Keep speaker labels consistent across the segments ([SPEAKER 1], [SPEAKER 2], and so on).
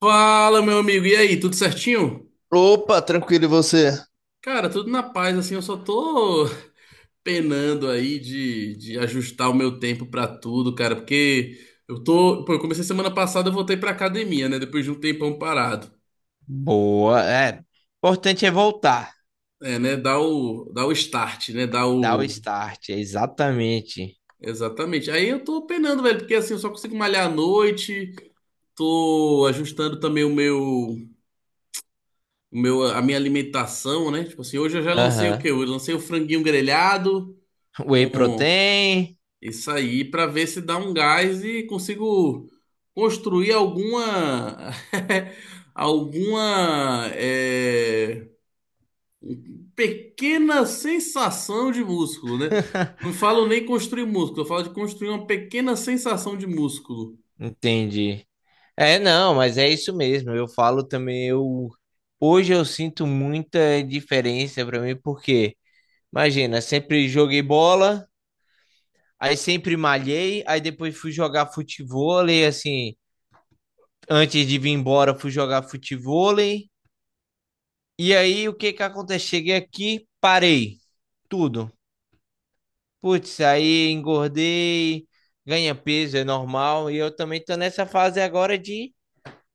[SPEAKER 1] Fala, meu amigo, e aí, tudo certinho?
[SPEAKER 2] Opa, tranquilo, e você?
[SPEAKER 1] Cara, tudo na paz, assim, eu só tô penando aí de ajustar o meu tempo pra tudo, cara, porque eu tô, pô, eu comecei semana passada, eu voltei pra academia, né, depois de um tempão parado.
[SPEAKER 2] Boa, é. Importante é voltar,
[SPEAKER 1] É, né, dá o start, né, dá
[SPEAKER 2] dar o
[SPEAKER 1] o...
[SPEAKER 2] start, é exatamente.
[SPEAKER 1] Exatamente. Aí eu tô penando, velho, porque assim, eu só consigo malhar à noite, tô ajustando também a minha alimentação, né, tipo assim, hoje eu já lancei o
[SPEAKER 2] Aham.
[SPEAKER 1] quê? Eu lancei o franguinho grelhado.
[SPEAKER 2] Whey protein,
[SPEAKER 1] Isso aí, para ver se dá um gás e consigo construir alguma alguma pequena sensação de músculo, né? Não falo nem construir músculo, eu falo de construir uma pequena sensação de músculo.
[SPEAKER 2] entendi. É, não, mas é isso mesmo. Eu falo também. Eu Hoje eu sinto muita diferença pra mim, porque imagina, sempre joguei bola, aí sempre malhei, aí depois fui jogar futevôlei, assim, antes de vir embora fui jogar futevôlei. E aí o que que acontece? Cheguei aqui, parei tudo. Putz, aí engordei, ganha peso, é normal, e eu também tô nessa fase agora de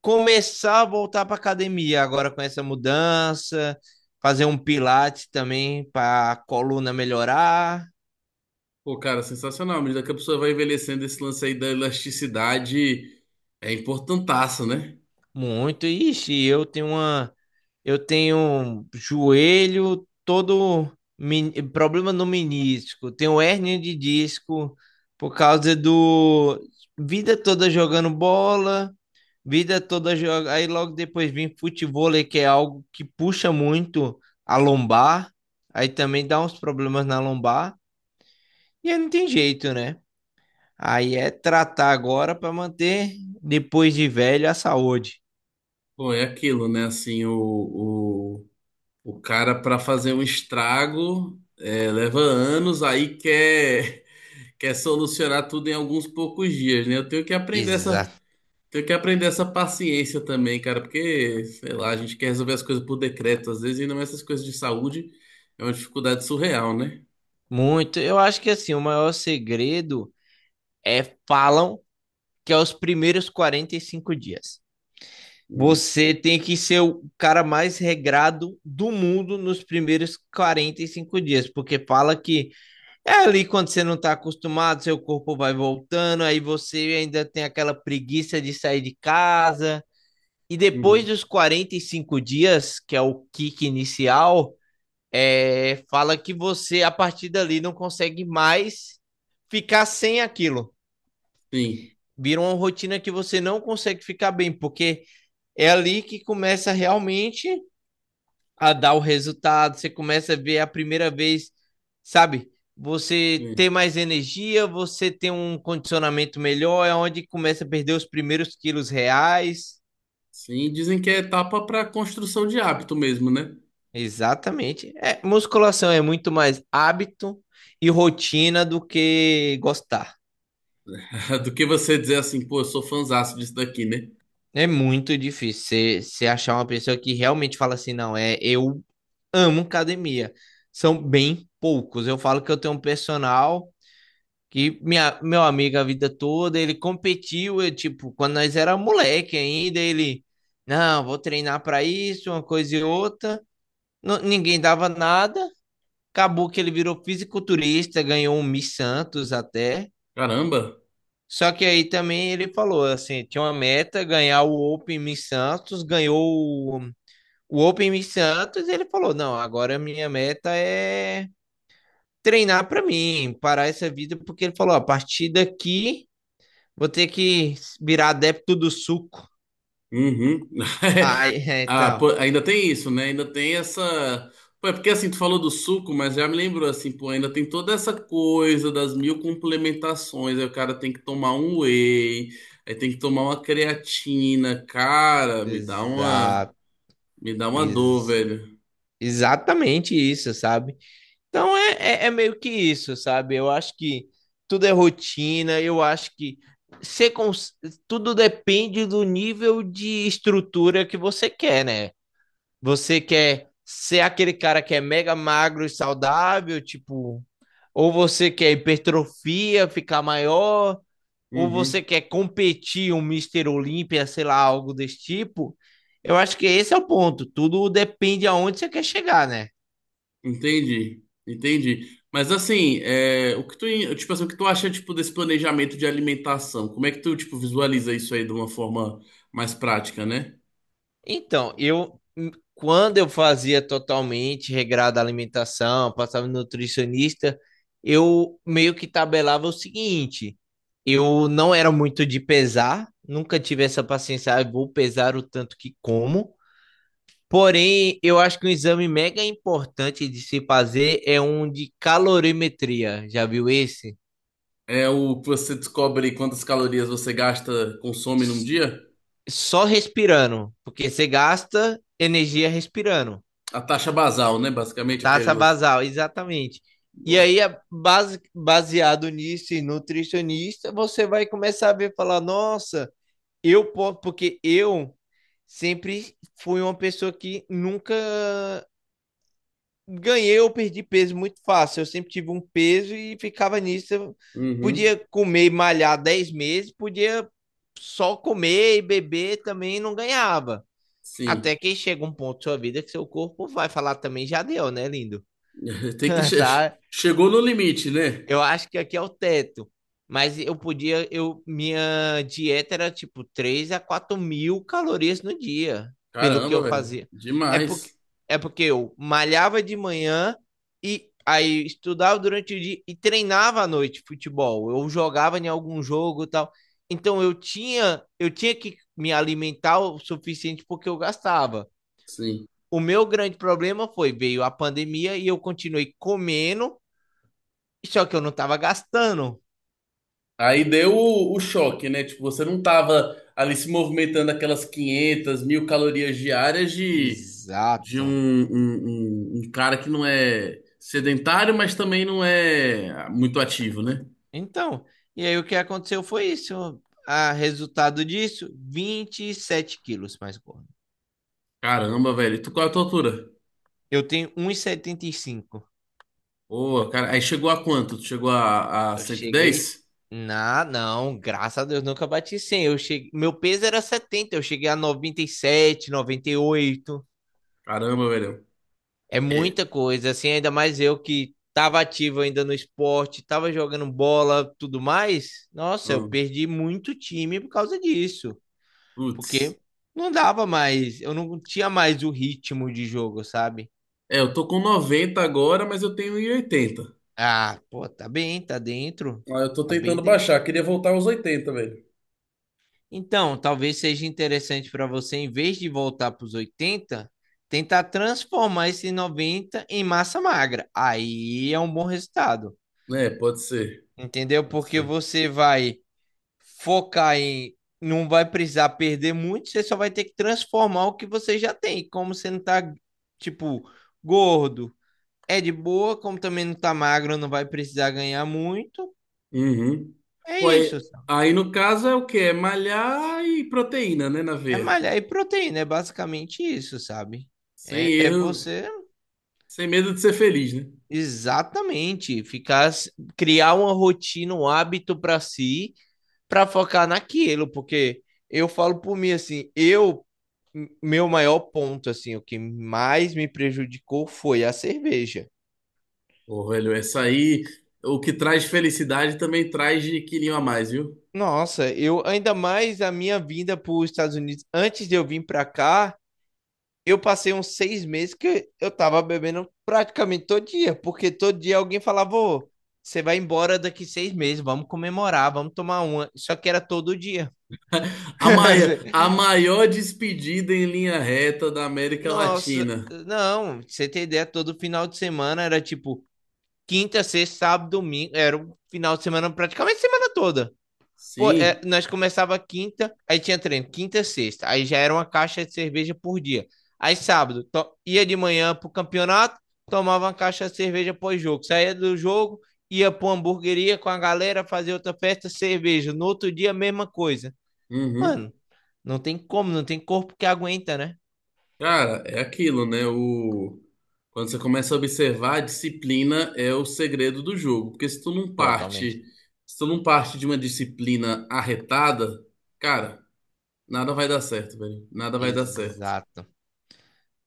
[SPEAKER 2] começar a voltar pra academia, agora com essa mudança, fazer um pilates também para coluna melhorar
[SPEAKER 1] Pô, cara, sensacional. À medida que a pessoa vai envelhecendo, esse lance aí da elasticidade é importantaço, né?
[SPEAKER 2] muito. Ixi, eu tenho uma Eu tenho joelho todo, problema no menisco, tenho hérnia de disco por causa do vida toda jogando bola, vida toda joga, aí logo depois vem futevôlei, que é algo que puxa muito a lombar, aí também dá uns problemas na lombar, e aí não tem jeito, né? Aí é tratar agora para manter depois de velho a saúde.
[SPEAKER 1] Bom, é aquilo, né? Assim, o cara, para fazer um estrago, é, leva anos, aí quer, quer solucionar tudo em alguns poucos dias, né? Eu tenho que aprender essa,
[SPEAKER 2] Exato.
[SPEAKER 1] tenho que aprender essa paciência também, cara, porque, sei lá, a gente quer resolver as coisas por decreto, às vezes, ainda mais essas coisas de saúde, é uma dificuldade surreal, né?
[SPEAKER 2] Muito. Eu acho que, assim, o maior segredo é, falam que é os primeiros 45 dias.
[SPEAKER 1] Hum,
[SPEAKER 2] Você tem que ser o cara mais regrado do mundo nos primeiros 45 dias, porque fala que é ali quando você não está acostumado, seu corpo vai voltando, aí você ainda tem aquela preguiça de sair de casa. E depois
[SPEAKER 1] uhum.
[SPEAKER 2] dos 45 dias, que é o kick inicial, é, fala que você, a partir dali, não consegue mais ficar sem aquilo.
[SPEAKER 1] Sim,
[SPEAKER 2] Vira uma rotina que você não consegue ficar bem, porque é ali que começa realmente a dar o resultado. Você começa a ver a primeira vez, sabe? Você
[SPEAKER 1] sim.
[SPEAKER 2] ter mais energia, você ter um condicionamento melhor, é onde começa a perder os primeiros quilos reais.
[SPEAKER 1] Sim, dizem que é etapa para construção de hábito mesmo, né?
[SPEAKER 2] Exatamente. É, musculação é muito mais hábito e rotina do que gostar.
[SPEAKER 1] Do que você dizer assim, pô, eu sou fãzaço disso daqui, né?
[SPEAKER 2] É muito difícil você achar uma pessoa que realmente fala assim, não, é, eu amo academia. São bem poucos. Eu falo que eu tenho um personal que minha, meu amigo a vida toda, ele competiu, eu, tipo, quando nós era moleque ainda, ele, não, vou treinar para isso, uma coisa e outra. Ninguém dava nada. Acabou que ele virou fisiculturista, ganhou um Miss Santos até.
[SPEAKER 1] Caramba!
[SPEAKER 2] Só que aí também ele falou assim, tinha uma meta, ganhar o Open Miss Santos, ganhou o o Open Miss Santos, e ele falou, não, agora a minha meta é treinar para mim, parar essa vida, porque ele falou: ó, a partir daqui vou ter que virar adepto do suco.
[SPEAKER 1] Uhum.
[SPEAKER 2] Ah, é,
[SPEAKER 1] Ah, pô,
[SPEAKER 2] então,
[SPEAKER 1] ainda tem isso, né? Ainda tem essa. Pô, é porque assim, tu falou do suco, mas já me lembrou assim, pô, ainda tem toda essa coisa das mil complementações. Aí o cara tem que tomar um whey, aí tem que tomar uma creatina. Cara, me dá uma.
[SPEAKER 2] exa
[SPEAKER 1] Me dá uma dor,
[SPEAKER 2] Ex
[SPEAKER 1] velho.
[SPEAKER 2] exatamente isso, sabe? Então é, meio que isso, sabe? Eu acho que tudo é rotina, eu acho que ser cons... tudo depende do nível de estrutura que você quer, né? Você quer ser aquele cara que é mega magro e saudável, tipo, ou você quer hipertrofia, ficar maior, ou você
[SPEAKER 1] Uhum.
[SPEAKER 2] quer competir um Mister Olímpia, sei lá, algo desse tipo. Eu acho que esse é o ponto. Tudo depende aonde você quer chegar, né?
[SPEAKER 1] Entendi, entendi. Mas assim, é, o que tu, tipo assim, o que tu acha tipo desse planejamento de alimentação? Como é que tu tipo visualiza isso aí de uma forma mais prática, né?
[SPEAKER 2] Então, eu quando eu fazia totalmente regrada a alimentação, passava no nutricionista, eu meio que tabelava o seguinte: eu não era muito de pesar, nunca tive essa paciência, ah, vou pesar o tanto que como. Porém, eu acho que um exame mega importante de se fazer é um de calorimetria. Já viu esse?
[SPEAKER 1] É o que você descobre quantas calorias você gasta, consome num
[SPEAKER 2] S-
[SPEAKER 1] dia?
[SPEAKER 2] Só respirando, porque você gasta energia respirando.
[SPEAKER 1] A taxa basal, né? Basicamente aquele
[SPEAKER 2] Taxa
[SPEAKER 1] lance.
[SPEAKER 2] basal, exatamente. E
[SPEAKER 1] Boa.
[SPEAKER 2] aí, a base, baseado nisso, e nutricionista, você vai começar a ver, falar, nossa, eu posso, porque eu sempre fui uma pessoa que nunca ganhei ou perdi peso muito fácil. Eu sempre tive um peso e ficava nisso. Eu
[SPEAKER 1] Uhum.
[SPEAKER 2] podia comer e malhar 10 meses, podia só comer e beber também, e não ganhava.
[SPEAKER 1] Sim.
[SPEAKER 2] Até que chega um ponto da sua vida que seu corpo vai falar também, já deu, né, lindo?
[SPEAKER 1] Tem que
[SPEAKER 2] Sabe?
[SPEAKER 1] chegou no limite, né?
[SPEAKER 2] Eu acho que aqui é o teto. Mas eu podia, minha dieta era tipo 3 a 4 mil calorias no dia, pelo que
[SPEAKER 1] Caramba,
[SPEAKER 2] eu
[SPEAKER 1] velho.
[SPEAKER 2] fazia. É porque,
[SPEAKER 1] Demais.
[SPEAKER 2] é porque eu malhava de manhã e aí estudava durante o dia e treinava à noite futebol. Eu jogava em algum jogo e tal. Então eu tinha que me alimentar o suficiente, porque eu gastava.
[SPEAKER 1] Sim.
[SPEAKER 2] O meu grande problema foi, veio a pandemia e eu continuei comendo, só que eu não estava gastando.
[SPEAKER 1] Aí deu o choque, né? Tipo, você não tava ali se movimentando aquelas 500 mil calorias diárias de, de um,
[SPEAKER 2] Exato.
[SPEAKER 1] um cara que não é sedentário, mas também não é muito ativo, né?
[SPEAKER 2] Então, e aí o que aconteceu foi isso. A resultado disso, 27 quilos mais gordo.
[SPEAKER 1] Caramba, velho. Tu, qual é a tua altura?
[SPEAKER 2] Eu tenho um e setenta e cinco.
[SPEAKER 1] Pô, cara, aí chegou a quanto? Tu chegou a
[SPEAKER 2] Eu
[SPEAKER 1] cento e
[SPEAKER 2] cheguei.
[SPEAKER 1] dez?
[SPEAKER 2] Não, graças a Deus, nunca bati 100. Eu cheguei, meu peso era 70. Eu cheguei a 90, 97, 98.
[SPEAKER 1] Caramba, velho.
[SPEAKER 2] É
[SPEAKER 1] É,
[SPEAKER 2] muita coisa, assim, ainda mais eu que tava ativo ainda no esporte, tava jogando bola, tudo mais. Nossa, eu
[SPEAKER 1] hum,
[SPEAKER 2] perdi muito time por causa disso,
[SPEAKER 1] putz.
[SPEAKER 2] porque não dava mais, eu não tinha mais o ritmo de jogo, sabe?
[SPEAKER 1] É, eu tô com 90 agora, mas eu tenho 1,80.
[SPEAKER 2] Ah, pô, tá bem, tá dentro,
[SPEAKER 1] Ah, eu tô
[SPEAKER 2] tá bem
[SPEAKER 1] tentando
[SPEAKER 2] dentro.
[SPEAKER 1] baixar. Queria voltar aos 80, velho.
[SPEAKER 2] Então, talvez seja interessante para você, em vez de voltar para os 80, tentar transformar esse 90 em massa magra. Aí é um bom resultado,
[SPEAKER 1] É, pode ser.
[SPEAKER 2] entendeu?
[SPEAKER 1] Pode
[SPEAKER 2] Porque
[SPEAKER 1] ser.
[SPEAKER 2] você vai focar em. Não vai precisar perder muito, você só vai ter que transformar o que você já tem. Como você não tá, tipo, gordo, é de boa, como também não tá magro, não vai precisar ganhar muito.
[SPEAKER 1] Uhum.
[SPEAKER 2] É
[SPEAKER 1] Pô, aí,
[SPEAKER 2] isso, sabe?
[SPEAKER 1] aí no caso é o quê? É malhar e proteína, né, na
[SPEAKER 2] É
[SPEAKER 1] veia.
[SPEAKER 2] malhar e proteína, é basicamente isso, sabe?
[SPEAKER 1] Sem
[SPEAKER 2] É,
[SPEAKER 1] erro,
[SPEAKER 2] você
[SPEAKER 1] sem medo de ser feliz, né?
[SPEAKER 2] exatamente ficar, criar uma rotina, um hábito para si, para focar naquilo, porque eu falo por mim assim, eu meu maior ponto, assim, o que mais me prejudicou foi a cerveja.
[SPEAKER 1] Pô, velho, essa aí, o que traz felicidade também traz de quilinho a mais, viu?
[SPEAKER 2] Nossa, eu, ainda mais a minha vinda para os Estados Unidos antes de eu vir para cá, eu passei uns 6 meses que eu tava bebendo praticamente todo dia, porque todo dia alguém falava, ô, você vai embora daqui 6 meses, vamos comemorar, vamos tomar uma. Só que era todo dia.
[SPEAKER 1] A maior despedida em linha reta da América
[SPEAKER 2] Nossa,
[SPEAKER 1] Latina.
[SPEAKER 2] não, pra você tem ideia, todo final de semana era tipo quinta, sexta, sábado, domingo, era um final de semana praticamente semana toda. Pô, é,
[SPEAKER 1] Sim.
[SPEAKER 2] nós começava quinta, aí tinha treino, quinta e sexta. Aí já era uma caixa de cerveja por dia. Aí sábado, ia de manhã pro campeonato, tomava uma caixa de cerveja pós-jogo. Saía do jogo, ia pra uma hamburgueria com a galera, fazer outra festa, cerveja. No outro dia, mesma coisa.
[SPEAKER 1] Uhum.
[SPEAKER 2] Mano, não tem como, não tem corpo que aguenta, né?
[SPEAKER 1] Cara, é aquilo, né? O... Quando você começa a observar, a disciplina é o segredo do jogo. Porque se tu não
[SPEAKER 2] Totalmente.
[SPEAKER 1] parte, se tu não parte de uma disciplina arretada, cara, nada vai dar certo, velho. Nada vai dar certo.
[SPEAKER 2] Exato.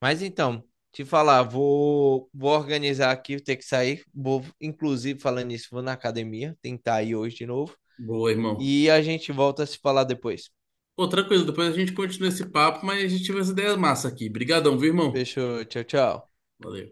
[SPEAKER 2] Mas então, te falar, vou organizar aqui, vou ter que sair. Vou, inclusive, falando nisso, vou na academia, tentar ir hoje de novo.
[SPEAKER 1] Boa, irmão.
[SPEAKER 2] E a gente volta a se falar depois.
[SPEAKER 1] Pô, tranquilo, depois a gente continua esse papo, mas a gente tive essa ideia massa aqui. Brigadão, viu, irmão?
[SPEAKER 2] Fechou, tchau, tchau.
[SPEAKER 1] Valeu.